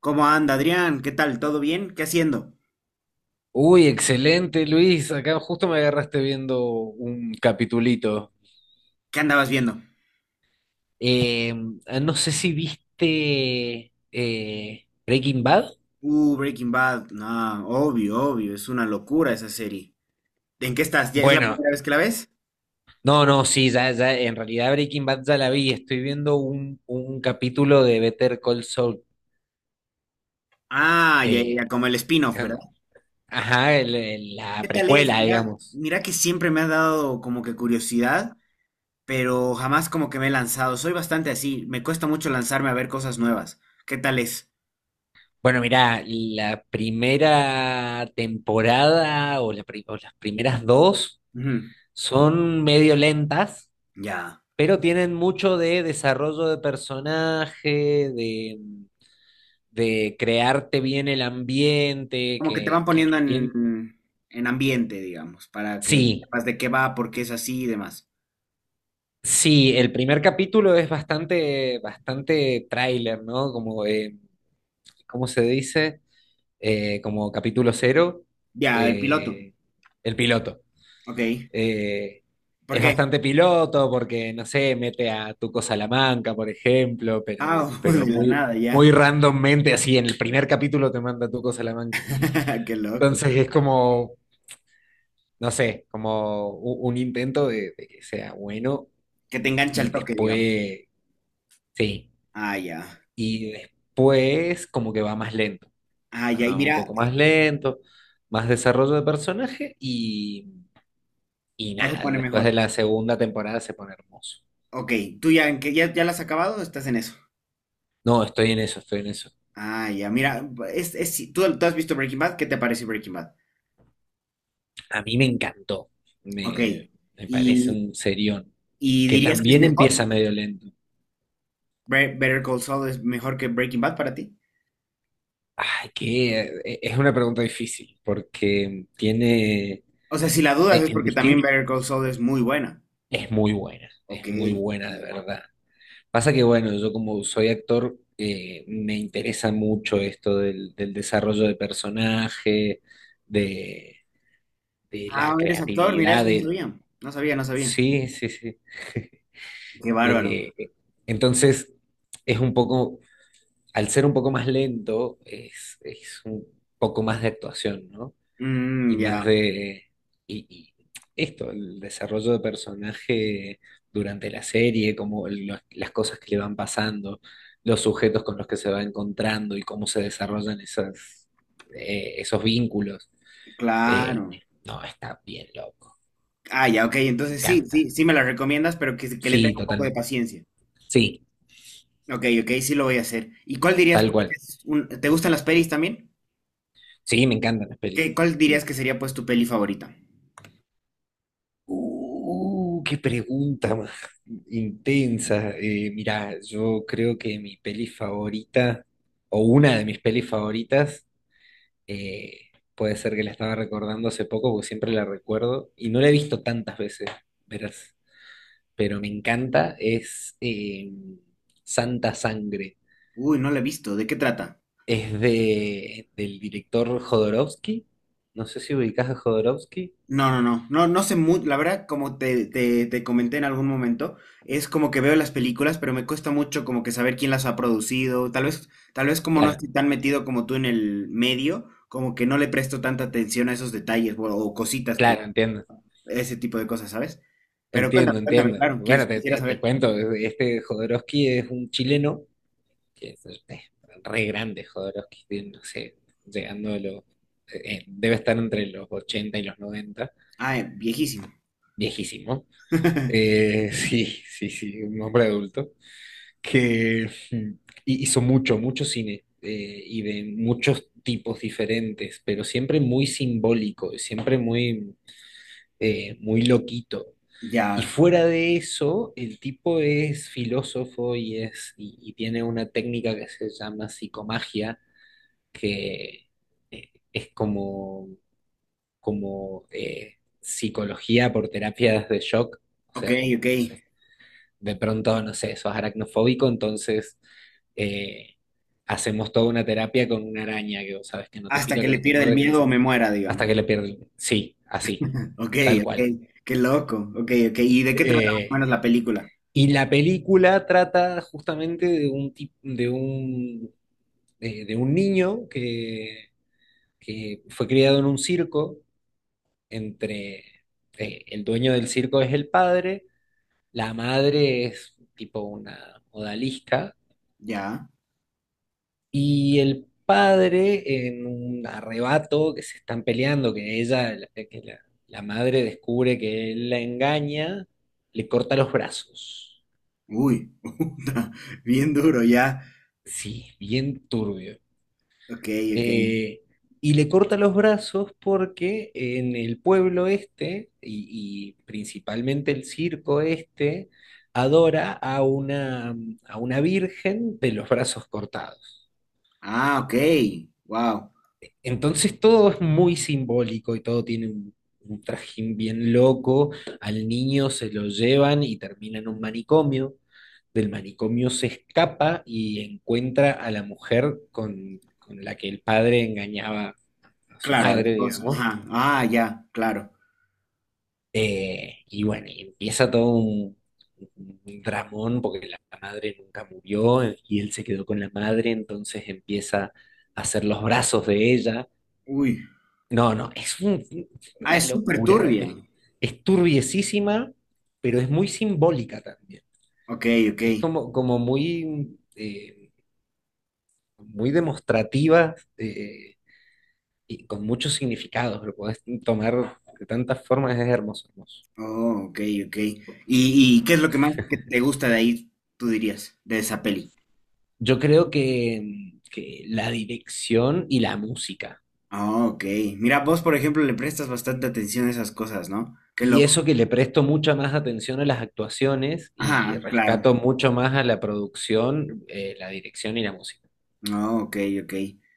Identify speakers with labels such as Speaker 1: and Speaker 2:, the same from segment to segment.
Speaker 1: ¿Cómo anda, Adrián? ¿Qué tal? ¿Todo bien? ¿Qué haciendo?
Speaker 2: Uy, excelente, Luis. Acá justo me agarraste viendo un capitulito.
Speaker 1: ¿Qué andabas viendo?
Speaker 2: Eh, no sé si viste Breaking Bad.
Speaker 1: Breaking Bad. No, obvio, obvio. Es una locura esa serie. ¿En qué estás? ¿Ya es la
Speaker 2: Bueno,
Speaker 1: primera vez que la ves?
Speaker 2: no, no, sí, ya, ya, en realidad Breaking Bad ya la vi. Estoy viendo un capítulo de Better Call Saul.
Speaker 1: Ah, ya, ya, ya,
Speaker 2: eh,
Speaker 1: como el spin-off, ¿verdad?
Speaker 2: ajá, la
Speaker 1: ¿Qué tal es?
Speaker 2: precuela,
Speaker 1: Mira,
Speaker 2: digamos.
Speaker 1: mira que siempre me ha dado como que curiosidad, pero jamás como que me he lanzado. Soy bastante así. Me cuesta mucho lanzarme a ver cosas nuevas. ¿Qué tal es?
Speaker 2: Bueno, mirá, la primera temporada o las primeras dos
Speaker 1: Ujú,
Speaker 2: son medio lentas.
Speaker 1: ya.
Speaker 2: Pero tienen mucho de desarrollo de personaje, de, de crearte bien el ambiente,
Speaker 1: Como que te van
Speaker 2: que
Speaker 1: poniendo en ambiente, digamos, para que
Speaker 2: sí,
Speaker 1: sepas de qué va, por qué es así y demás.
Speaker 2: sí, el primer capítulo es bastante tráiler, ¿no? Como, ¿cómo se dice? Como capítulo cero,
Speaker 1: Ya, el piloto.
Speaker 2: eh, el piloto.
Speaker 1: Ok.
Speaker 2: Eh,
Speaker 1: ¿Por
Speaker 2: es
Speaker 1: qué?
Speaker 2: bastante piloto porque, no sé, mete a Tuco Salamanca, por ejemplo,
Speaker 1: Ah, de
Speaker 2: pero
Speaker 1: la nada, ya.
Speaker 2: muy randommente, así en el primer capítulo te manda a Tuco Salamanca.
Speaker 1: Qué loco.
Speaker 2: Entonces es como, no sé, como un intento de que sea bueno
Speaker 1: Que te engancha el
Speaker 2: y
Speaker 1: toque, digamos.
Speaker 2: después, sí,
Speaker 1: Ah, ya.
Speaker 2: y después como que va más lento,
Speaker 1: Ah, ya. Y
Speaker 2: va un
Speaker 1: mira,
Speaker 2: poco más lento, más desarrollo de personaje y
Speaker 1: ya se
Speaker 2: nada,
Speaker 1: pone
Speaker 2: después de
Speaker 1: mejor.
Speaker 2: la segunda temporada se pone hermoso.
Speaker 1: Ok. ¿Tú ya, en qué- ya, ya la has acabado o estás en eso?
Speaker 2: No, estoy en eso, estoy en eso.
Speaker 1: Ah, ya. Mira, ¿tú, tú has visto Breaking Bad? ¿Qué te parece Breaking Bad?
Speaker 2: A mí me encantó,
Speaker 1: Ok.
Speaker 2: me, me parece
Speaker 1: ¿Y,
Speaker 2: un serión,
Speaker 1: y
Speaker 2: que
Speaker 1: dirías que es
Speaker 2: también
Speaker 1: mejor?
Speaker 2: empieza medio lento.
Speaker 1: Bre- ¿Better Call Saul es mejor que Breaking Bad para ti?
Speaker 2: Ay, que es una pregunta difícil, porque tiene,
Speaker 1: O sea, si la dudas es
Speaker 2: en
Speaker 1: porque también
Speaker 2: distinto,
Speaker 1: Better Call Saul es muy buena. Ok.
Speaker 2: es muy buena de verdad. Pasa que, bueno, yo como soy actor, me interesa mucho esto del desarrollo de personaje, de, de la
Speaker 1: Ah, eres actor, mira,
Speaker 2: creatividad,
Speaker 1: eso no
Speaker 2: del...
Speaker 1: sabía. No sabía, no sabía.
Speaker 2: Sí, sí, sí.
Speaker 1: Qué bárbaro.
Speaker 2: Eh, entonces, es un poco al ser un poco más lento, es un poco más de actuación, ¿no? Y
Speaker 1: Mm,
Speaker 2: más
Speaker 1: ya,
Speaker 2: de... Y esto, el desarrollo de personaje durante la serie, como las cosas que le van pasando, los sujetos con los que se va encontrando y cómo se desarrollan esas, esos vínculos. Eh,
Speaker 1: claro.
Speaker 2: no, está bien loco.
Speaker 1: Ah, ya, ok.
Speaker 2: Me
Speaker 1: Entonces sí,
Speaker 2: encanta.
Speaker 1: sí, sí me la recomiendas, pero que le
Speaker 2: Sí,
Speaker 1: tenga un poco de
Speaker 2: totalmente.
Speaker 1: paciencia.
Speaker 2: Sí,
Speaker 1: Ok, ok, sí lo voy a hacer. ¿Y cuál dirías,
Speaker 2: tal
Speaker 1: pues, que
Speaker 2: cual.
Speaker 1: es un- ¿te gustan las pelis también?
Speaker 2: Sí, me encantan las pelis.
Speaker 1: ¿Qué, cuál dirías que sería, pues, tu peli favorita?
Speaker 2: Qué pregunta más intensa. Mirá, yo creo que mi peli favorita, o una de mis pelis favoritas, eh, puede ser que la estaba recordando hace poco, porque siempre la recuerdo, y no la he visto tantas veces, verás, pero me encanta, es Santa Sangre.
Speaker 1: Uy, no la he visto. ¿De qué trata?
Speaker 2: Es de, del director Jodorowsky. No sé si ubicás a Jodorowsky.
Speaker 1: No, no, no, no, no sé mucho, la verdad, como te comenté en algún momento, es como que veo las películas, pero me cuesta mucho como que saber quién las ha producido, tal vez como no
Speaker 2: Claro,
Speaker 1: estoy tan metido como tú en el medio, como que no le presto tanta atención a esos detalles o cositas que,
Speaker 2: claro, entiendo.
Speaker 1: ese tipo de cosas, ¿sabes? Pero cuéntame,
Speaker 2: Entiendo,
Speaker 1: cuéntame,
Speaker 2: entiendo.
Speaker 1: claro,
Speaker 2: Bueno,
Speaker 1: quis- quisiera
Speaker 2: te
Speaker 1: saber.
Speaker 2: cuento, este Jodorowsky es un chileno, es re grande Jodorowsky, tiene, no sé, llegando a los, debe estar entre los 80 y los 90,
Speaker 1: Ah, viejísimo.
Speaker 2: viejísimo. Sí, sí, sí, un hombre adulto, que hizo mucho, mucho cine, y de muchos tipos diferentes, pero siempre muy simbólico, siempre muy, muy loquito. Y
Speaker 1: Ya,
Speaker 2: fuera de eso, el tipo es filósofo y tiene una técnica que se llama psicomagia, que es como, como psicología por terapias de shock. O
Speaker 1: ok,
Speaker 2: sea,
Speaker 1: ok.
Speaker 2: como, no sé, de pronto, no sé, sos aracnofóbico, entonces eh, hacemos toda una terapia con una araña que vos sabes que no te
Speaker 1: Hasta
Speaker 2: pica,
Speaker 1: que
Speaker 2: que
Speaker 1: le
Speaker 2: no te
Speaker 1: pierda el
Speaker 2: muerde, que no
Speaker 1: miedo
Speaker 2: sé
Speaker 1: o
Speaker 2: qué,
Speaker 1: me muera, digamos.
Speaker 2: hasta que le pierden. Sí, así,
Speaker 1: Ok,
Speaker 2: tal cual.
Speaker 1: ok, qué loco, ok, ok. ¿Y de qué trata más o
Speaker 2: Eh,
Speaker 1: menos la película?
Speaker 2: Y la película trata justamente de un, tip- de un niño que fue criado en un circo, entre el dueño del circo es el padre, la madre es tipo una odalisca,
Speaker 1: Ya.
Speaker 2: y el padre en un arrebato que se están peleando, que ella, la- que la madre descubre que él la engaña, le corta los brazos.
Speaker 1: Uy, bien duro ya.
Speaker 2: Sí, bien turbio.
Speaker 1: Ok, ok.
Speaker 2: Eh, y le corta los brazos porque en el pueblo este, y principalmente el circo este, adora a una virgen de los brazos cortados.
Speaker 1: Ah, ok. Wow.
Speaker 2: Entonces todo es muy simbólico y todo tiene un trajín bien loco. Al niño se lo llevan y termina en un manicomio. Del manicomio se escapa y encuentra a la mujer con la que el padre engañaba a su
Speaker 1: Claro, la
Speaker 2: madre,
Speaker 1: esposa.
Speaker 2: digamos.
Speaker 1: Ajá. Ah, ya, claro.
Speaker 2: Y bueno, y empieza todo un dramón porque la madre nunca murió, y él se quedó con la madre, entonces empieza a hacer los brazos de ella.
Speaker 1: Uy.
Speaker 2: No, no, es un-
Speaker 1: Ah,
Speaker 2: Una
Speaker 1: es súper
Speaker 2: locura de
Speaker 1: turbia.
Speaker 2: película. Es turbiesísima, pero es muy simbólica también.
Speaker 1: Ok, ok.
Speaker 2: Es como, como muy, muy demostrativa, y con muchos significados. Lo podés tomar de tantas formas, es hermoso, hermoso.
Speaker 1: Oh, ok, ok. Y qué es lo que más que te gusta de ahí, tú dirías, de esa peli?
Speaker 2: Yo creo que la dirección y la música.
Speaker 1: Ah, ok. Mira, vos, por ejemplo, le prestas bastante atención a esas cosas, ¿no? Qué
Speaker 2: Y
Speaker 1: loco.
Speaker 2: eso que le presto mucha más atención a las actuaciones y
Speaker 1: Ajá, claro.
Speaker 2: rescato mucho más a la producción, la dirección y la música.
Speaker 1: No, ok, ok.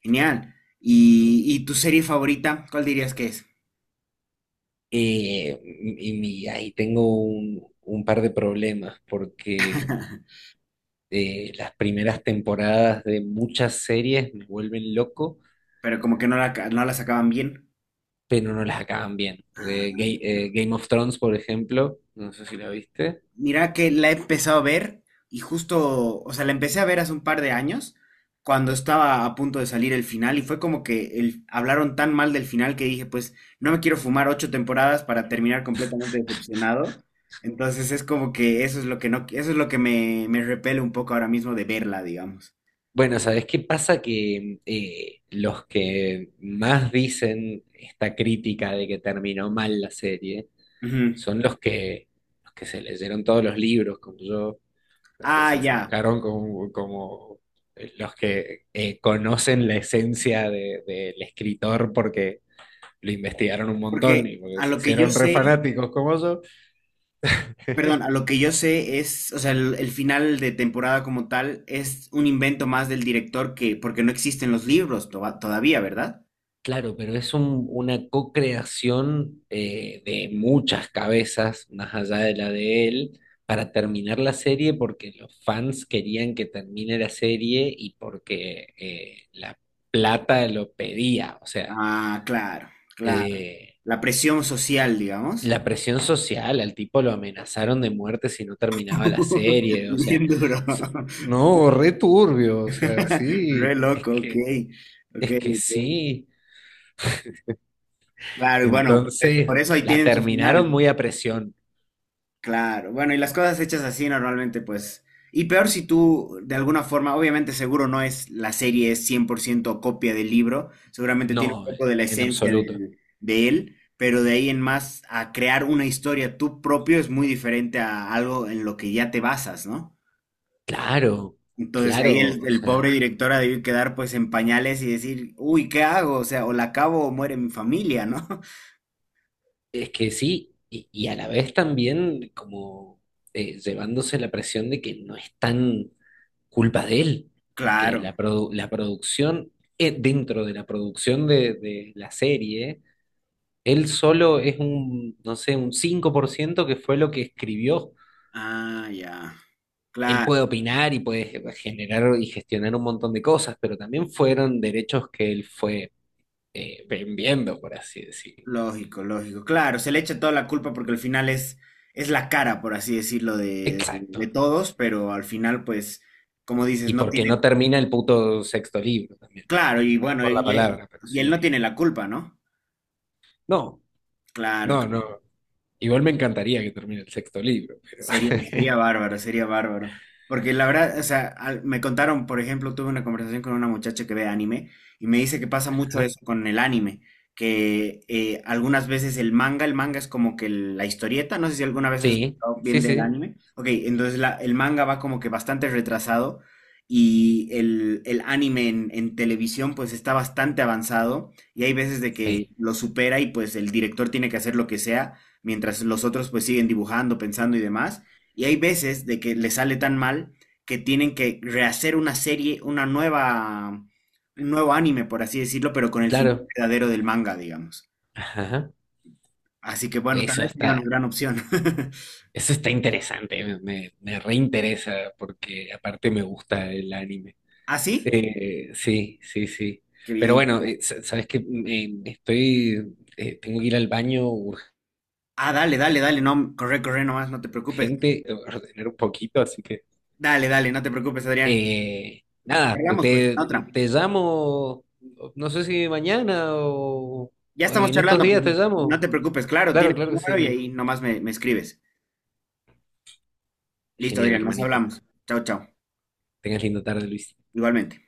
Speaker 1: Genial. Y tu serie favorita? ¿Cuál dirías que es?
Speaker 2: Ahí tengo un par de problemas porque las primeras temporadas de muchas series me vuelven loco,
Speaker 1: Pero como que no la, ca- no la sacaban bien.
Speaker 2: pero no las acaban bien. Porque
Speaker 1: Ah,
Speaker 2: Game of Thrones, por ejemplo, no sé si la viste.
Speaker 1: mira que la he empezado a ver y justo, o sea, la empecé a ver hace un par de años cuando estaba a punto de salir el final y fue como que el, hablaron tan mal del final que dije, pues no me quiero fumar ocho temporadas para terminar completamente decepcionado. Entonces es como que eso es lo que no, eso es lo que me repele un poco ahora mismo de verla, digamos.
Speaker 2: Bueno, ¿sabes qué pasa? Que los que más dicen esta crítica de que terminó mal la serie
Speaker 1: Ujú.
Speaker 2: son los los que se leyeron todos los libros, como yo, los que
Speaker 1: Ah,
Speaker 2: se
Speaker 1: ya.
Speaker 2: enroscaron como, como los que conocen la esencia del escritor porque lo investigaron un montón
Speaker 1: Porque
Speaker 2: y porque
Speaker 1: a
Speaker 2: se
Speaker 1: lo que yo
Speaker 2: hicieron re
Speaker 1: sé,
Speaker 2: fanáticos como yo.
Speaker 1: perdón, a lo que yo sé es, o sea, el final de temporada como tal es un invento más del director que, porque no existen los libros to- todavía, ¿verdad?
Speaker 2: Una co-creación, de muchas cabezas, más allá de la de él, para terminar la serie porque los fans querían que termine la serie y porque la plata lo pedía. O sea,
Speaker 1: Ah, claro, claro.
Speaker 2: eh,
Speaker 1: La presión social, digamos.
Speaker 2: la presión social, al tipo lo amenazaron de muerte si no terminaba la serie. O sea,
Speaker 1: Bien duro.
Speaker 2: s- no, re turbio. O sea,
Speaker 1: Re loco, ok. Ok,
Speaker 2: es que
Speaker 1: ok.
Speaker 2: sí.
Speaker 1: Claro, y bueno, pues, por
Speaker 2: Entonces,
Speaker 1: eso ahí
Speaker 2: la
Speaker 1: tienen su
Speaker 2: terminaron
Speaker 1: final.
Speaker 2: muy a presión.
Speaker 1: Claro, bueno, y las cosas hechas así normalmente, pues, y peor si tú, de alguna forma, obviamente seguro no es, la serie es 100% copia del libro, seguramente tiene
Speaker 2: No,
Speaker 1: un poco de la
Speaker 2: en
Speaker 1: esencia
Speaker 2: absoluto.
Speaker 1: del- de él, pero de ahí en más a crear una historia tú propio es muy diferente a algo en lo que ya te basas, ¿no?
Speaker 2: Claro,
Speaker 1: Entonces ahí
Speaker 2: claro, o
Speaker 1: el
Speaker 2: sea,
Speaker 1: pobre director ha debido quedar pues en pañales y decir, uy, ¿qué hago? O sea, o la acabo o muere mi familia, ¿no?
Speaker 2: es que sí, y a la vez también como llevándose la presión de que no es tan culpa de él, porque
Speaker 1: Claro.
Speaker 2: la producción, dentro de la producción de la serie, él solo es un, no sé, un 5% que fue lo que escribió.
Speaker 1: Ah, ya.
Speaker 2: Él
Speaker 1: Claro.
Speaker 2: puede opinar y puede generar y gestionar un montón de cosas, pero también fueron derechos que él fue vendiendo, por así decirlo.
Speaker 1: Lógico, lógico. Claro, se le echa toda la culpa porque al final es la cara, por así decirlo, de-
Speaker 2: Exacto.
Speaker 1: todos, pero al final, pues, como dices,
Speaker 2: Y
Speaker 1: no
Speaker 2: porque
Speaker 1: tiene.
Speaker 2: no termina el puto sexto libro también,
Speaker 1: Claro, y bueno,
Speaker 2: por la palabra, pero
Speaker 1: y él no
Speaker 2: sí.
Speaker 1: tiene la culpa, ¿no?
Speaker 2: No,
Speaker 1: Claro,
Speaker 2: no, no. Igual me encantaría que termine el sexto libro, pero...
Speaker 1: sería, sería bárbaro, sería bárbaro. Porque la verdad, o sea, al- me contaron, por ejemplo, tuve una conversación con una muchacha que ve anime y me dice que pasa mucho
Speaker 2: Ajá.
Speaker 1: eso con el anime, que algunas veces el manga es como que la historieta, no sé si alguna vez has
Speaker 2: Sí,
Speaker 1: escuchado
Speaker 2: sí,
Speaker 1: bien del
Speaker 2: sí,
Speaker 1: anime. Ok, entonces la- el manga va como que bastante retrasado y el anime en televisión pues está bastante avanzado y hay veces de que
Speaker 2: sí,
Speaker 1: lo supera y pues el director tiene que hacer lo que sea mientras los otros pues siguen dibujando, pensando y demás. Y hay veces de que les sale tan mal que tienen que rehacer una serie, una nueva, un nuevo anime, por así decirlo, pero con el final
Speaker 2: claro.
Speaker 1: verdadero del manga, digamos.
Speaker 2: Ajá.
Speaker 1: Así que bueno, tal
Speaker 2: Eso
Speaker 1: vez sería una
Speaker 2: está,
Speaker 1: gran opción.
Speaker 2: eso está interesante, me reinteresa porque aparte me gusta el anime.
Speaker 1: ¿Ah, sí?
Speaker 2: Sí, sí, sí.
Speaker 1: Qué
Speaker 2: Pero
Speaker 1: bien.
Speaker 2: bueno, sabes que tengo que ir al baño
Speaker 1: Ah, dale, dale, dale, no, corre, corre nomás, no te preocupes.
Speaker 2: urgente, ordenar un poquito, así que
Speaker 1: Dale, dale, no te preocupes, Adrián.
Speaker 2: nada,
Speaker 1: Cargamos pues en otra.
Speaker 2: te llamo, no sé si mañana
Speaker 1: Ya
Speaker 2: o
Speaker 1: estamos
Speaker 2: en estos
Speaker 1: charlando, pues
Speaker 2: días te
Speaker 1: no
Speaker 2: llamo.
Speaker 1: te preocupes, claro,
Speaker 2: Claro,
Speaker 1: tienes
Speaker 2: claro
Speaker 1: mi
Speaker 2: que
Speaker 1: número y
Speaker 2: sí.
Speaker 1: ahí nomás me escribes. Listo,
Speaker 2: Genial,
Speaker 1: Adrián, nos
Speaker 2: hermanito.
Speaker 1: hablamos. Chao, chao.
Speaker 2: Tengas lindo tarde, Luis.
Speaker 1: Igualmente.